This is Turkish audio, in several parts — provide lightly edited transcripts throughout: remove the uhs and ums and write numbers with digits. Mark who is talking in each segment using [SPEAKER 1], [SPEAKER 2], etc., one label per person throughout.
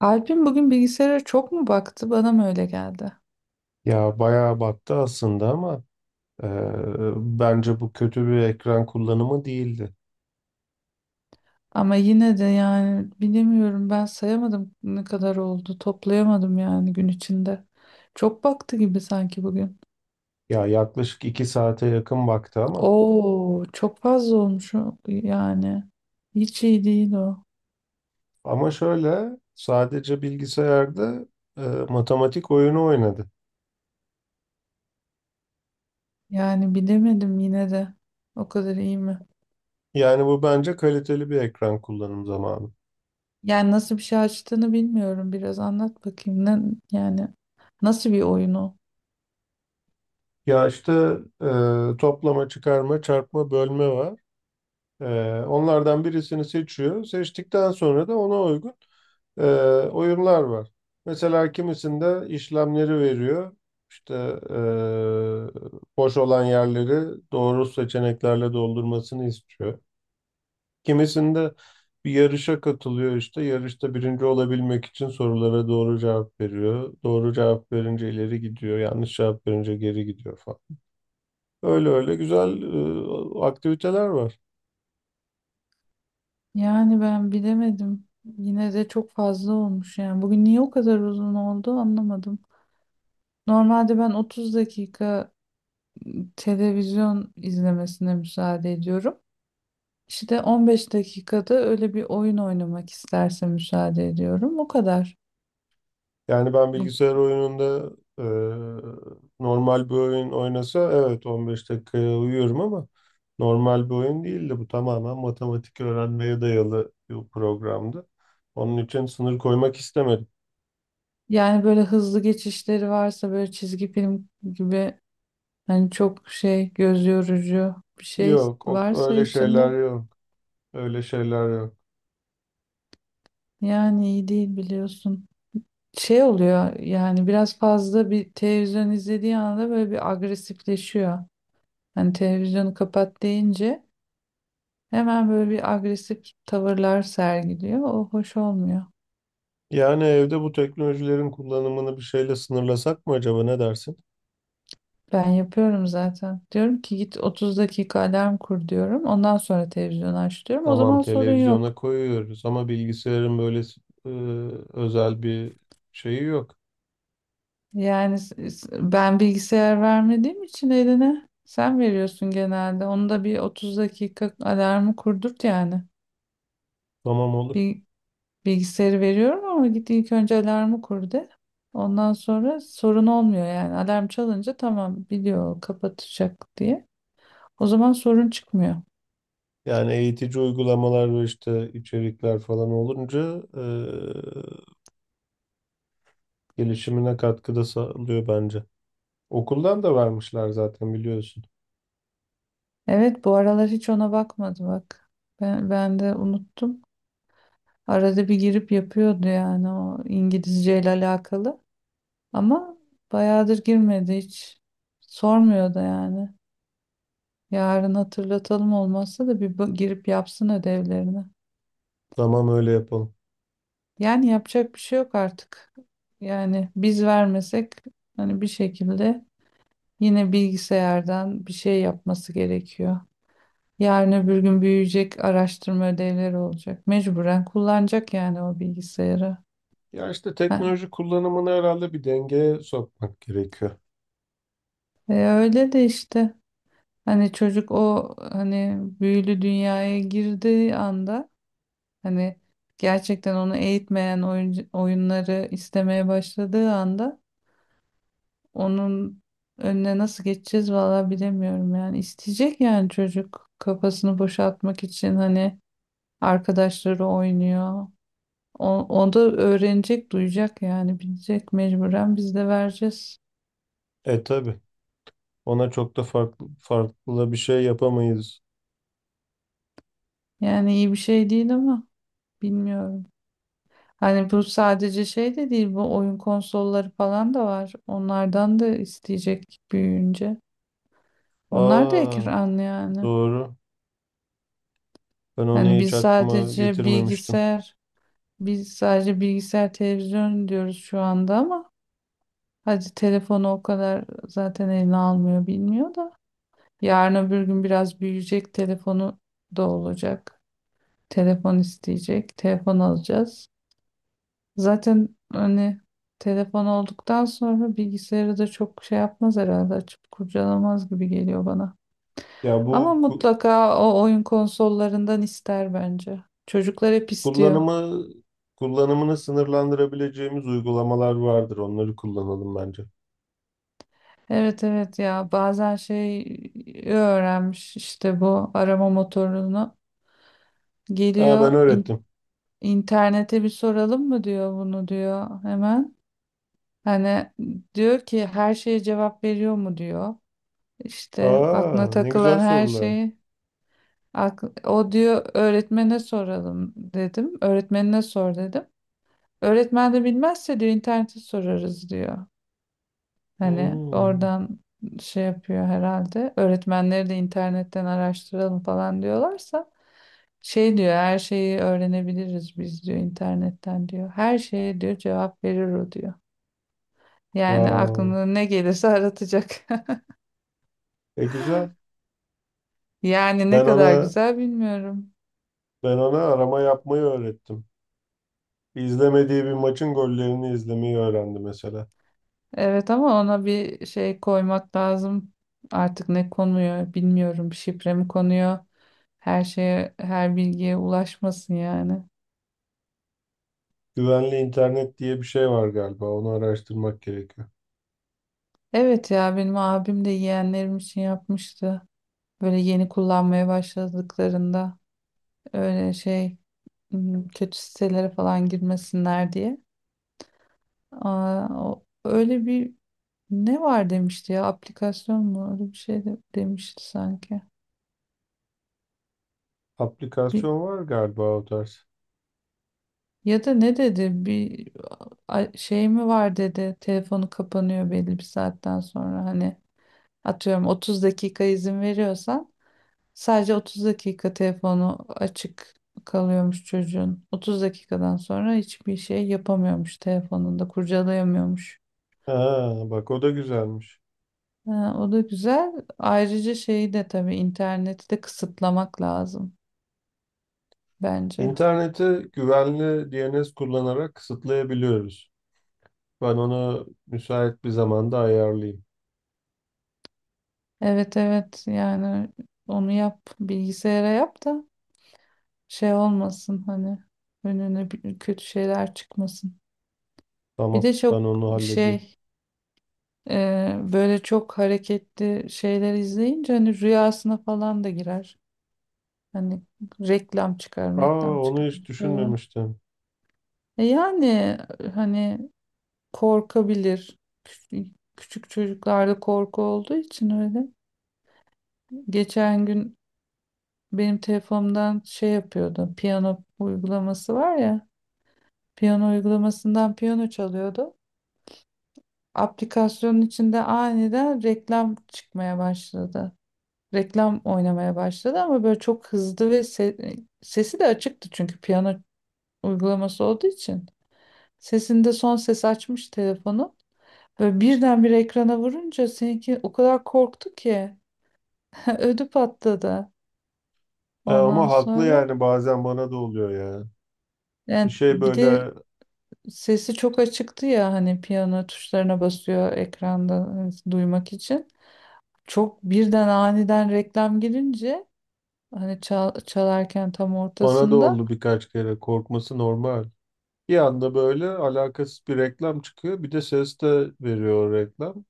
[SPEAKER 1] Alp'in bugün bilgisayara çok mu baktı? Bana mı öyle geldi?
[SPEAKER 2] Ya bayağı battı aslında ama e, bence bu kötü bir ekran kullanımı değildi.
[SPEAKER 1] Ama yine de yani bilemiyorum, ben sayamadım ne kadar oldu. Toplayamadım yani gün içinde. Çok baktı gibi sanki bugün.
[SPEAKER 2] Ya yaklaşık iki saate yakın baktı ama.
[SPEAKER 1] Oo, çok fazla olmuş yani. Hiç iyi değil o.
[SPEAKER 2] Ama şöyle sadece bilgisayarda e, matematik oyunu oynadı.
[SPEAKER 1] Yani bilemedim yine de. O kadar iyi mi?
[SPEAKER 2] Yani bu bence kaliteli bir ekran kullanım zamanı.
[SPEAKER 1] Yani nasıl bir şey açtığını bilmiyorum. Biraz anlat bakayım. Ne, yani nasıl bir oyunu?
[SPEAKER 2] Ya işte toplama, çıkarma, çarpma, bölme var. E, Onlardan birisini seçiyor. Seçtikten sonra da ona uygun e, oyunlar var. Mesela kimisinde işlemleri veriyor. İşte e, boş olan yerleri doğru seçeneklerle doldurmasını istiyor. Kimisinde bir yarışa katılıyor işte. Yarışta birinci olabilmek için sorulara doğru cevap veriyor. Doğru cevap verince ileri gidiyor. Yanlış cevap verince geri gidiyor falan. Öyle öyle güzel aktiviteler var.
[SPEAKER 1] Yani ben bilemedim. Yine de çok fazla olmuş yani. Bugün niye o kadar uzun oldu anlamadım. Normalde ben 30 dakika televizyon izlemesine müsaade ediyorum. İşte 15 dakikada öyle bir oyun oynamak isterse müsaade ediyorum. O kadar.
[SPEAKER 2] Yani ben
[SPEAKER 1] Bu-
[SPEAKER 2] bilgisayar oyununda e, normal bir oyun oynasa evet 15 dakikaya uyuyorum ama normal bir oyun değildi. Bu tamamen matematik öğrenmeye dayalı bir programdı. Onun için sınır koymak istemedim.
[SPEAKER 1] Yani böyle hızlı geçişleri varsa, böyle çizgi film gibi, hani çok şey, göz yorucu bir şey
[SPEAKER 2] Yok,
[SPEAKER 1] varsa
[SPEAKER 2] öyle şeyler
[SPEAKER 1] içinde,
[SPEAKER 2] yok. Öyle şeyler yok.
[SPEAKER 1] yani iyi değil biliyorsun. Şey oluyor yani, biraz fazla bir televizyon izlediği anda böyle bir agresifleşiyor. Hani televizyonu kapat deyince hemen böyle bir agresif tavırlar sergiliyor. O hoş olmuyor.
[SPEAKER 2] Yani evde bu teknolojilerin kullanımını bir şeyle sınırlasak mı acaba ne dersin?
[SPEAKER 1] Ben yapıyorum zaten. Diyorum ki git 30 dakika alarm kur diyorum. Ondan sonra televizyonu aç diyorum. O
[SPEAKER 2] Tamam,
[SPEAKER 1] zaman sorun
[SPEAKER 2] televizyona
[SPEAKER 1] yok.
[SPEAKER 2] koyuyoruz ama bilgisayarın böyle e, özel bir şeyi yok.
[SPEAKER 1] Yani ben bilgisayar vermediğim için eline sen veriyorsun genelde. Onu da bir 30 dakika alarmı kurdurt yani.
[SPEAKER 2] Tamam, olur.
[SPEAKER 1] Bir Bilgisayarı veriyorum ama git ilk önce alarmı kur de. Ondan sonra sorun olmuyor yani. Alarm çalınca tamam biliyor kapatacak diye. O zaman sorun çıkmıyor.
[SPEAKER 2] Yani eğitici uygulamalar ve işte içerikler falan olunca gelişimine katkıda sağlıyor bence. Okuldan da vermişler zaten biliyorsun.
[SPEAKER 1] Evet, bu aralar hiç ona bakmadı bak. Ben de unuttum. Arada bir girip yapıyordu yani, o İngilizce ile alakalı. Ama bayağıdır girmedi hiç. Sormuyor da yani. Yarın hatırlatalım, olmazsa da bir girip yapsın ödevlerini.
[SPEAKER 2] Tamam, öyle yapalım.
[SPEAKER 1] Yani yapacak bir şey yok artık. Yani biz vermesek hani bir şekilde yine bilgisayardan bir şey yapması gerekiyor. Yarın öbür gün büyüyecek, araştırma ödevleri olacak. Mecburen kullanacak yani o bilgisayarı.
[SPEAKER 2] Ya işte
[SPEAKER 1] Ha,
[SPEAKER 2] teknoloji kullanımını herhalde bir dengeye sokmak gerekiyor.
[SPEAKER 1] öyle de işte, hani çocuk o hani büyülü dünyaya girdiği anda, hani gerçekten onu eğitmeyen oyunları istemeye başladığı anda, onun önüne nasıl geçeceğiz, vallahi bilemiyorum yani. İsteyecek yani çocuk kafasını boşaltmak için. Hani arkadaşları oynuyor. O, o da öğrenecek, duyacak yani, bilecek, mecburen biz de vereceğiz.
[SPEAKER 2] E tabii, ona çok da farklı farklı bir şey yapamayız.
[SPEAKER 1] Yani iyi bir şey değil ama bilmiyorum. Hani bu sadece şey de değil, bu oyun konsolları falan da var. Onlardan da isteyecek büyüyünce. Onlar da
[SPEAKER 2] Aa,
[SPEAKER 1] ekran yani.
[SPEAKER 2] doğru. Ben
[SPEAKER 1] Hani
[SPEAKER 2] onu hiç
[SPEAKER 1] biz
[SPEAKER 2] aklıma
[SPEAKER 1] sadece
[SPEAKER 2] getirmemiştim.
[SPEAKER 1] bilgisayar Biz sadece bilgisayar, televizyon diyoruz şu anda ama hadi telefonu o kadar zaten eline almıyor, bilmiyor da. Yarın öbür gün biraz büyüyecek, telefonu da olacak. Telefon isteyecek, telefon alacağız. Zaten hani telefon olduktan sonra bilgisayarı da çok şey yapmaz herhalde, açıp kurcalamaz gibi geliyor bana.
[SPEAKER 2] Ya
[SPEAKER 1] Ama
[SPEAKER 2] bu ku-
[SPEAKER 1] mutlaka o oyun konsollarından ister bence. Çocuklar hep istiyor.
[SPEAKER 2] Kullanımı kullanımını sınırlandırabileceğimiz uygulamalar vardır. Onları kullanalım bence.
[SPEAKER 1] Evet, evet ya, bazen şey, öğrenmiş işte bu arama motorunu,
[SPEAKER 2] Aa, ben
[SPEAKER 1] geliyor,
[SPEAKER 2] öğrettim.
[SPEAKER 1] internete bir soralım mı diyor bunu diyor hemen. Hani diyor ki her şeye cevap veriyor mu diyor. İşte aklına
[SPEAKER 2] Aa, ne güzel
[SPEAKER 1] takılan her
[SPEAKER 2] sorular.
[SPEAKER 1] şeyi, o diyor öğretmene soralım dedim. Öğretmenine sor dedim. Öğretmen de bilmezse diyor internete sorarız diyor. Hani
[SPEAKER 2] Hmm,
[SPEAKER 1] oradan şey yapıyor herhalde. Öğretmenleri de internetten araştıralım falan diyorlarsa şey diyor, her şeyi öğrenebiliriz biz diyor internetten diyor. Her şeye diyor cevap verir o diyor. Yani
[SPEAKER 2] wow.
[SPEAKER 1] aklına ne gelirse aratacak.
[SPEAKER 2] E güzel.
[SPEAKER 1] Yani ne
[SPEAKER 2] Ben
[SPEAKER 1] kadar
[SPEAKER 2] ona
[SPEAKER 1] güzel bilmiyorum.
[SPEAKER 2] ben ona arama yapmayı öğrettim. İzlemediği bir maçın gollerini izlemeyi öğrendi mesela.
[SPEAKER 1] Evet ama ona bir şey koymak lazım. Artık ne konuyor bilmiyorum. Şifre mi konuyor? Her şeye, her bilgiye ulaşmasın yani.
[SPEAKER 2] Güvenli internet diye bir şey var galiba. Onu araştırmak gerekiyor.
[SPEAKER 1] Evet ya, benim abim de yeğenlerim için yapmıştı. Böyle yeni kullanmaya başladıklarında, öyle şey, kötü sitelere falan girmesinler diye. Aa, öyle bir ne var demişti ya, aplikasyon mu öyle bir şey de, demişti sanki. Bir,
[SPEAKER 2] Aplikasyon var galiba o tarz.
[SPEAKER 1] ya da ne dedi, bir şey mi var dedi, telefonu kapanıyor belli bir saatten sonra. Hani atıyorum 30 dakika izin veriyorsan, sadece 30 dakika telefonu açık kalıyormuş çocuğun. 30 dakikadan sonra hiçbir şey yapamıyormuş telefonunda, kurcalayamıyormuş.
[SPEAKER 2] Ha, bak o da güzelmiş.
[SPEAKER 1] Ha, o da güzel. Ayrıca şeyi de tabii, interneti de kısıtlamak lazım bence.
[SPEAKER 2] İnterneti güvenli DNS kullanarak kısıtlayabiliyoruz. Ben ona müsait bir zamanda ayarlayayım.
[SPEAKER 1] Evet, evet yani onu yap, bilgisayara yap da şey olmasın hani, önüne kötü şeyler çıkmasın. Bir
[SPEAKER 2] Tamam,
[SPEAKER 1] de
[SPEAKER 2] ben
[SPEAKER 1] çok
[SPEAKER 2] onu halledeyim.
[SPEAKER 1] şey, e, böyle çok hareketli şeyler izleyince hani rüyasına falan da girer. Hani reklam çıkar,
[SPEAKER 2] Aa,
[SPEAKER 1] reklam
[SPEAKER 2] onu
[SPEAKER 1] çıkar,
[SPEAKER 2] hiç
[SPEAKER 1] bir şey olur.
[SPEAKER 2] düşünmemiştim.
[SPEAKER 1] E yani hani korkabilir. Küçük küçük çocuklarda korku olduğu için öyle. Geçen gün benim telefonumdan şey yapıyordu. Piyano uygulaması var ya. Piyano uygulamasından piyano çalıyordu. Aplikasyonun içinde aniden reklam çıkmaya başladı. Reklam oynamaya başladı ama böyle çok hızlı ve sesi de açıktı çünkü piyano uygulaması olduğu için. Sesinde son ses açmış telefonu. Böyle birdenbire ekrana vurunca seninki o kadar korktu ki ödü patladı.
[SPEAKER 2] E,
[SPEAKER 1] Ondan
[SPEAKER 2] ama haklı
[SPEAKER 1] sonra
[SPEAKER 2] yani bazen bana da oluyor ya. Bir
[SPEAKER 1] yani,
[SPEAKER 2] şey
[SPEAKER 1] bir de
[SPEAKER 2] böyle
[SPEAKER 1] sesi çok açıktı ya, hani piyano tuşlarına basıyor ekranda hani duymak için. Çok birden aniden reklam girince, hani çalarken tam
[SPEAKER 2] bana da
[SPEAKER 1] ortasında.
[SPEAKER 2] oldu birkaç kere. Korkması normal. Bir anda böyle alakasız bir reklam çıkıyor. Bir de ses de veriyor o reklam.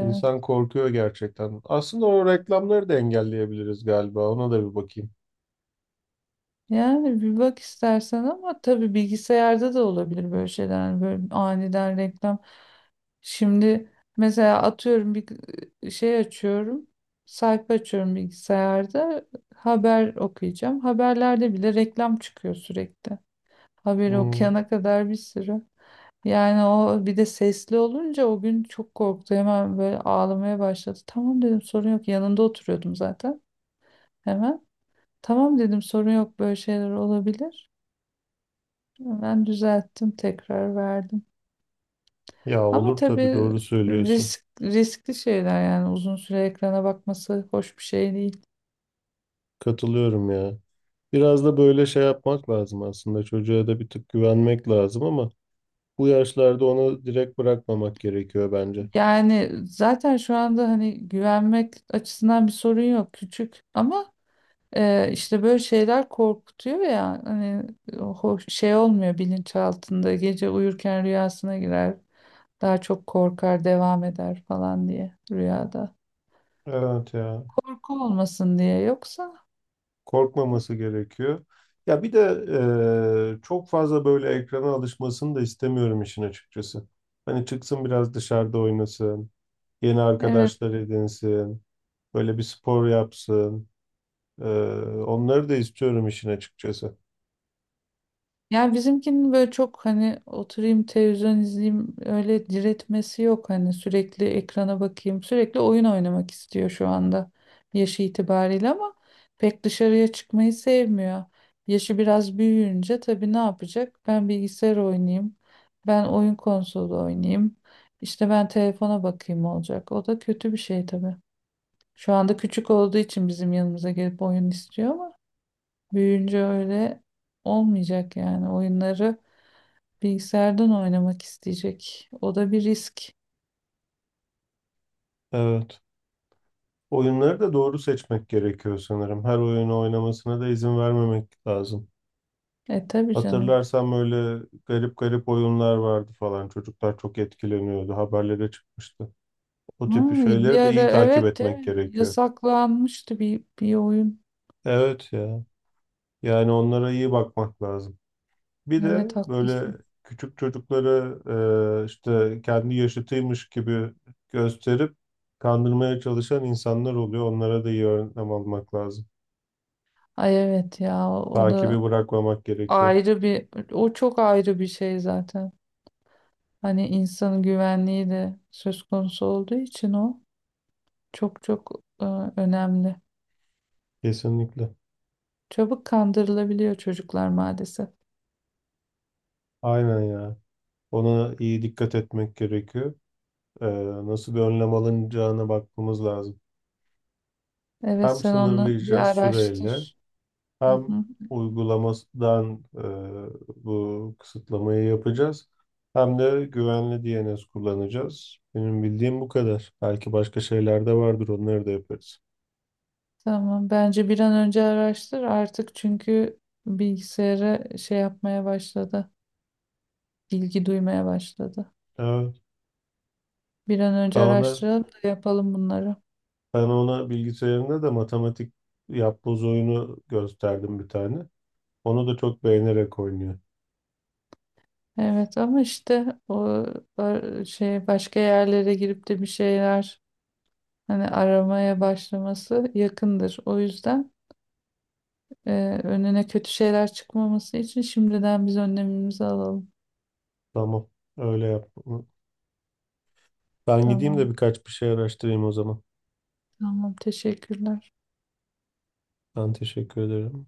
[SPEAKER 2] İnsan korkuyor gerçekten. Aslında o reklamları da engelleyebiliriz galiba. Ona da bir bakayım.
[SPEAKER 1] Yani bir bak istersen ama tabii bilgisayarda da olabilir böyle şeyler. Yani böyle aniden reklam. Şimdi mesela atıyorum bir şey açıyorum. Sayfa açıyorum bilgisayarda. Haber okuyacağım. Haberlerde bile reklam çıkıyor sürekli. Haberi
[SPEAKER 2] Hmm.
[SPEAKER 1] okuyana kadar bir sürü. Yani o, bir de sesli olunca o gün çok korktu. Hemen böyle ağlamaya başladı. Tamam dedim, sorun yok. Yanında oturuyordum zaten. Hemen. Tamam dedim, sorun yok böyle şeyler olabilir. Ben düzelttim, tekrar verdim.
[SPEAKER 2] Ya,
[SPEAKER 1] Ama
[SPEAKER 2] olur tabii,
[SPEAKER 1] tabii
[SPEAKER 2] doğru söylüyorsun.
[SPEAKER 1] riskli şeyler yani uzun süre ekrana bakması hoş bir şey değil.
[SPEAKER 2] Katılıyorum ya. Biraz da böyle şey yapmak lazım aslında. Çocuğa da bir tık güvenmek lazım ama bu yaşlarda onu direkt bırakmamak gerekiyor bence.
[SPEAKER 1] Yani zaten şu anda hani güvenmek açısından bir sorun yok, küçük ama işte böyle şeyler korkutuyor ya hani, hoş şey olmuyor, bilinçaltında gece uyurken rüyasına girer, daha çok korkar devam eder falan diye rüyada.
[SPEAKER 2] Evet ya.
[SPEAKER 1] Korku olmasın diye yoksa.
[SPEAKER 2] Korkmaması gerekiyor. Ya bir de çok fazla böyle ekrana alışmasını da istemiyorum işin açıkçası. Hani çıksın biraz dışarıda oynasın, yeni
[SPEAKER 1] Evet.
[SPEAKER 2] arkadaşlar edinsin, böyle bir spor yapsın. Eee, onları da istiyorum işin açıkçası.
[SPEAKER 1] Yani bizimkinin böyle çok hani oturayım televizyon izleyeyim öyle diretmesi yok, hani sürekli ekrana bakayım sürekli oyun oynamak istiyor şu anda yaşı itibariyle ama pek dışarıya çıkmayı sevmiyor. Yaşı biraz büyüyünce tabii ne yapacak? Ben bilgisayar oynayayım, ben oyun konsolu oynayayım, işte ben telefona bakayım olacak. O da kötü bir şey tabii. Şu anda küçük olduğu için bizim yanımıza gelip oyun istiyor ama büyüyünce öyle olmayacak yani oyunları. Bilgisayardan oynamak isteyecek. O da bir risk.
[SPEAKER 2] Evet. Oyunları da doğru seçmek gerekiyor sanırım. Her oyunu oynamasına da izin vermemek lazım.
[SPEAKER 1] E tabii canım.
[SPEAKER 2] Hatırlarsam öyle garip garip oyunlar vardı falan. Çocuklar çok etkileniyordu. Haberlere çıkmıştı. O
[SPEAKER 1] Ha,
[SPEAKER 2] tip
[SPEAKER 1] bir
[SPEAKER 2] şeyleri de
[SPEAKER 1] ara,
[SPEAKER 2] iyi takip
[SPEAKER 1] evet,
[SPEAKER 2] etmek
[SPEAKER 1] evet,
[SPEAKER 2] gerekiyor.
[SPEAKER 1] yasaklanmıştı bir oyun.
[SPEAKER 2] Evet ya. Yani onlara iyi bakmak lazım. Bir de
[SPEAKER 1] Evet, haklısın.
[SPEAKER 2] böyle küçük çocuklara işte kendi yaşıtıymış gibi gösterip kandırmaya çalışan insanlar oluyor. Onlara da iyi önlem almak lazım.
[SPEAKER 1] Ay, evet ya, o
[SPEAKER 2] Takibi
[SPEAKER 1] da
[SPEAKER 2] bırakmamak gerekiyor.
[SPEAKER 1] ayrı, bir o çok ayrı bir şey zaten. Hani insanın güvenliği de söz konusu olduğu için o çok çok e, önemli.
[SPEAKER 2] Kesinlikle.
[SPEAKER 1] Çabuk kandırılabiliyor çocuklar maalesef.
[SPEAKER 2] Aynen ya. Ona iyi dikkat etmek gerekiyor. Ee, nasıl bir önlem alınacağına bakmamız lazım.
[SPEAKER 1] Evet,
[SPEAKER 2] Hem
[SPEAKER 1] sen onu bir
[SPEAKER 2] sınırlayacağız süreyle,
[SPEAKER 1] araştır. Hı
[SPEAKER 2] hem
[SPEAKER 1] hı.
[SPEAKER 2] uygulamasından bu kısıtlamayı yapacağız. Hem de güvenli DNS kullanacağız. Benim bildiğim bu kadar. Belki başka şeyler de vardır. Onları da yaparız.
[SPEAKER 1] Tamam, bence bir an önce araştır artık çünkü bilgisayara şey yapmaya başladı. Bilgi duymaya başladı.
[SPEAKER 2] Evet.
[SPEAKER 1] Bir an
[SPEAKER 2] Ben
[SPEAKER 1] önce
[SPEAKER 2] ona,
[SPEAKER 1] araştıralım da yapalım bunları.
[SPEAKER 2] ben ona bilgisayarında da matematik yapboz oyunu gösterdim bir tane. Onu da çok beğenerek oynuyor.
[SPEAKER 1] Evet ama işte o şey, başka yerlere girip de bir şeyler hani aramaya başlaması yakındır. O yüzden e, önüne kötü şeyler çıkmaması için şimdiden biz önlemimizi alalım.
[SPEAKER 2] Tamam. Öyle yap. Ben gideyim de
[SPEAKER 1] Tamam,
[SPEAKER 2] birkaç bir şey araştırayım o zaman.
[SPEAKER 1] tamam, teşekkürler.
[SPEAKER 2] Ben teşekkür ederim.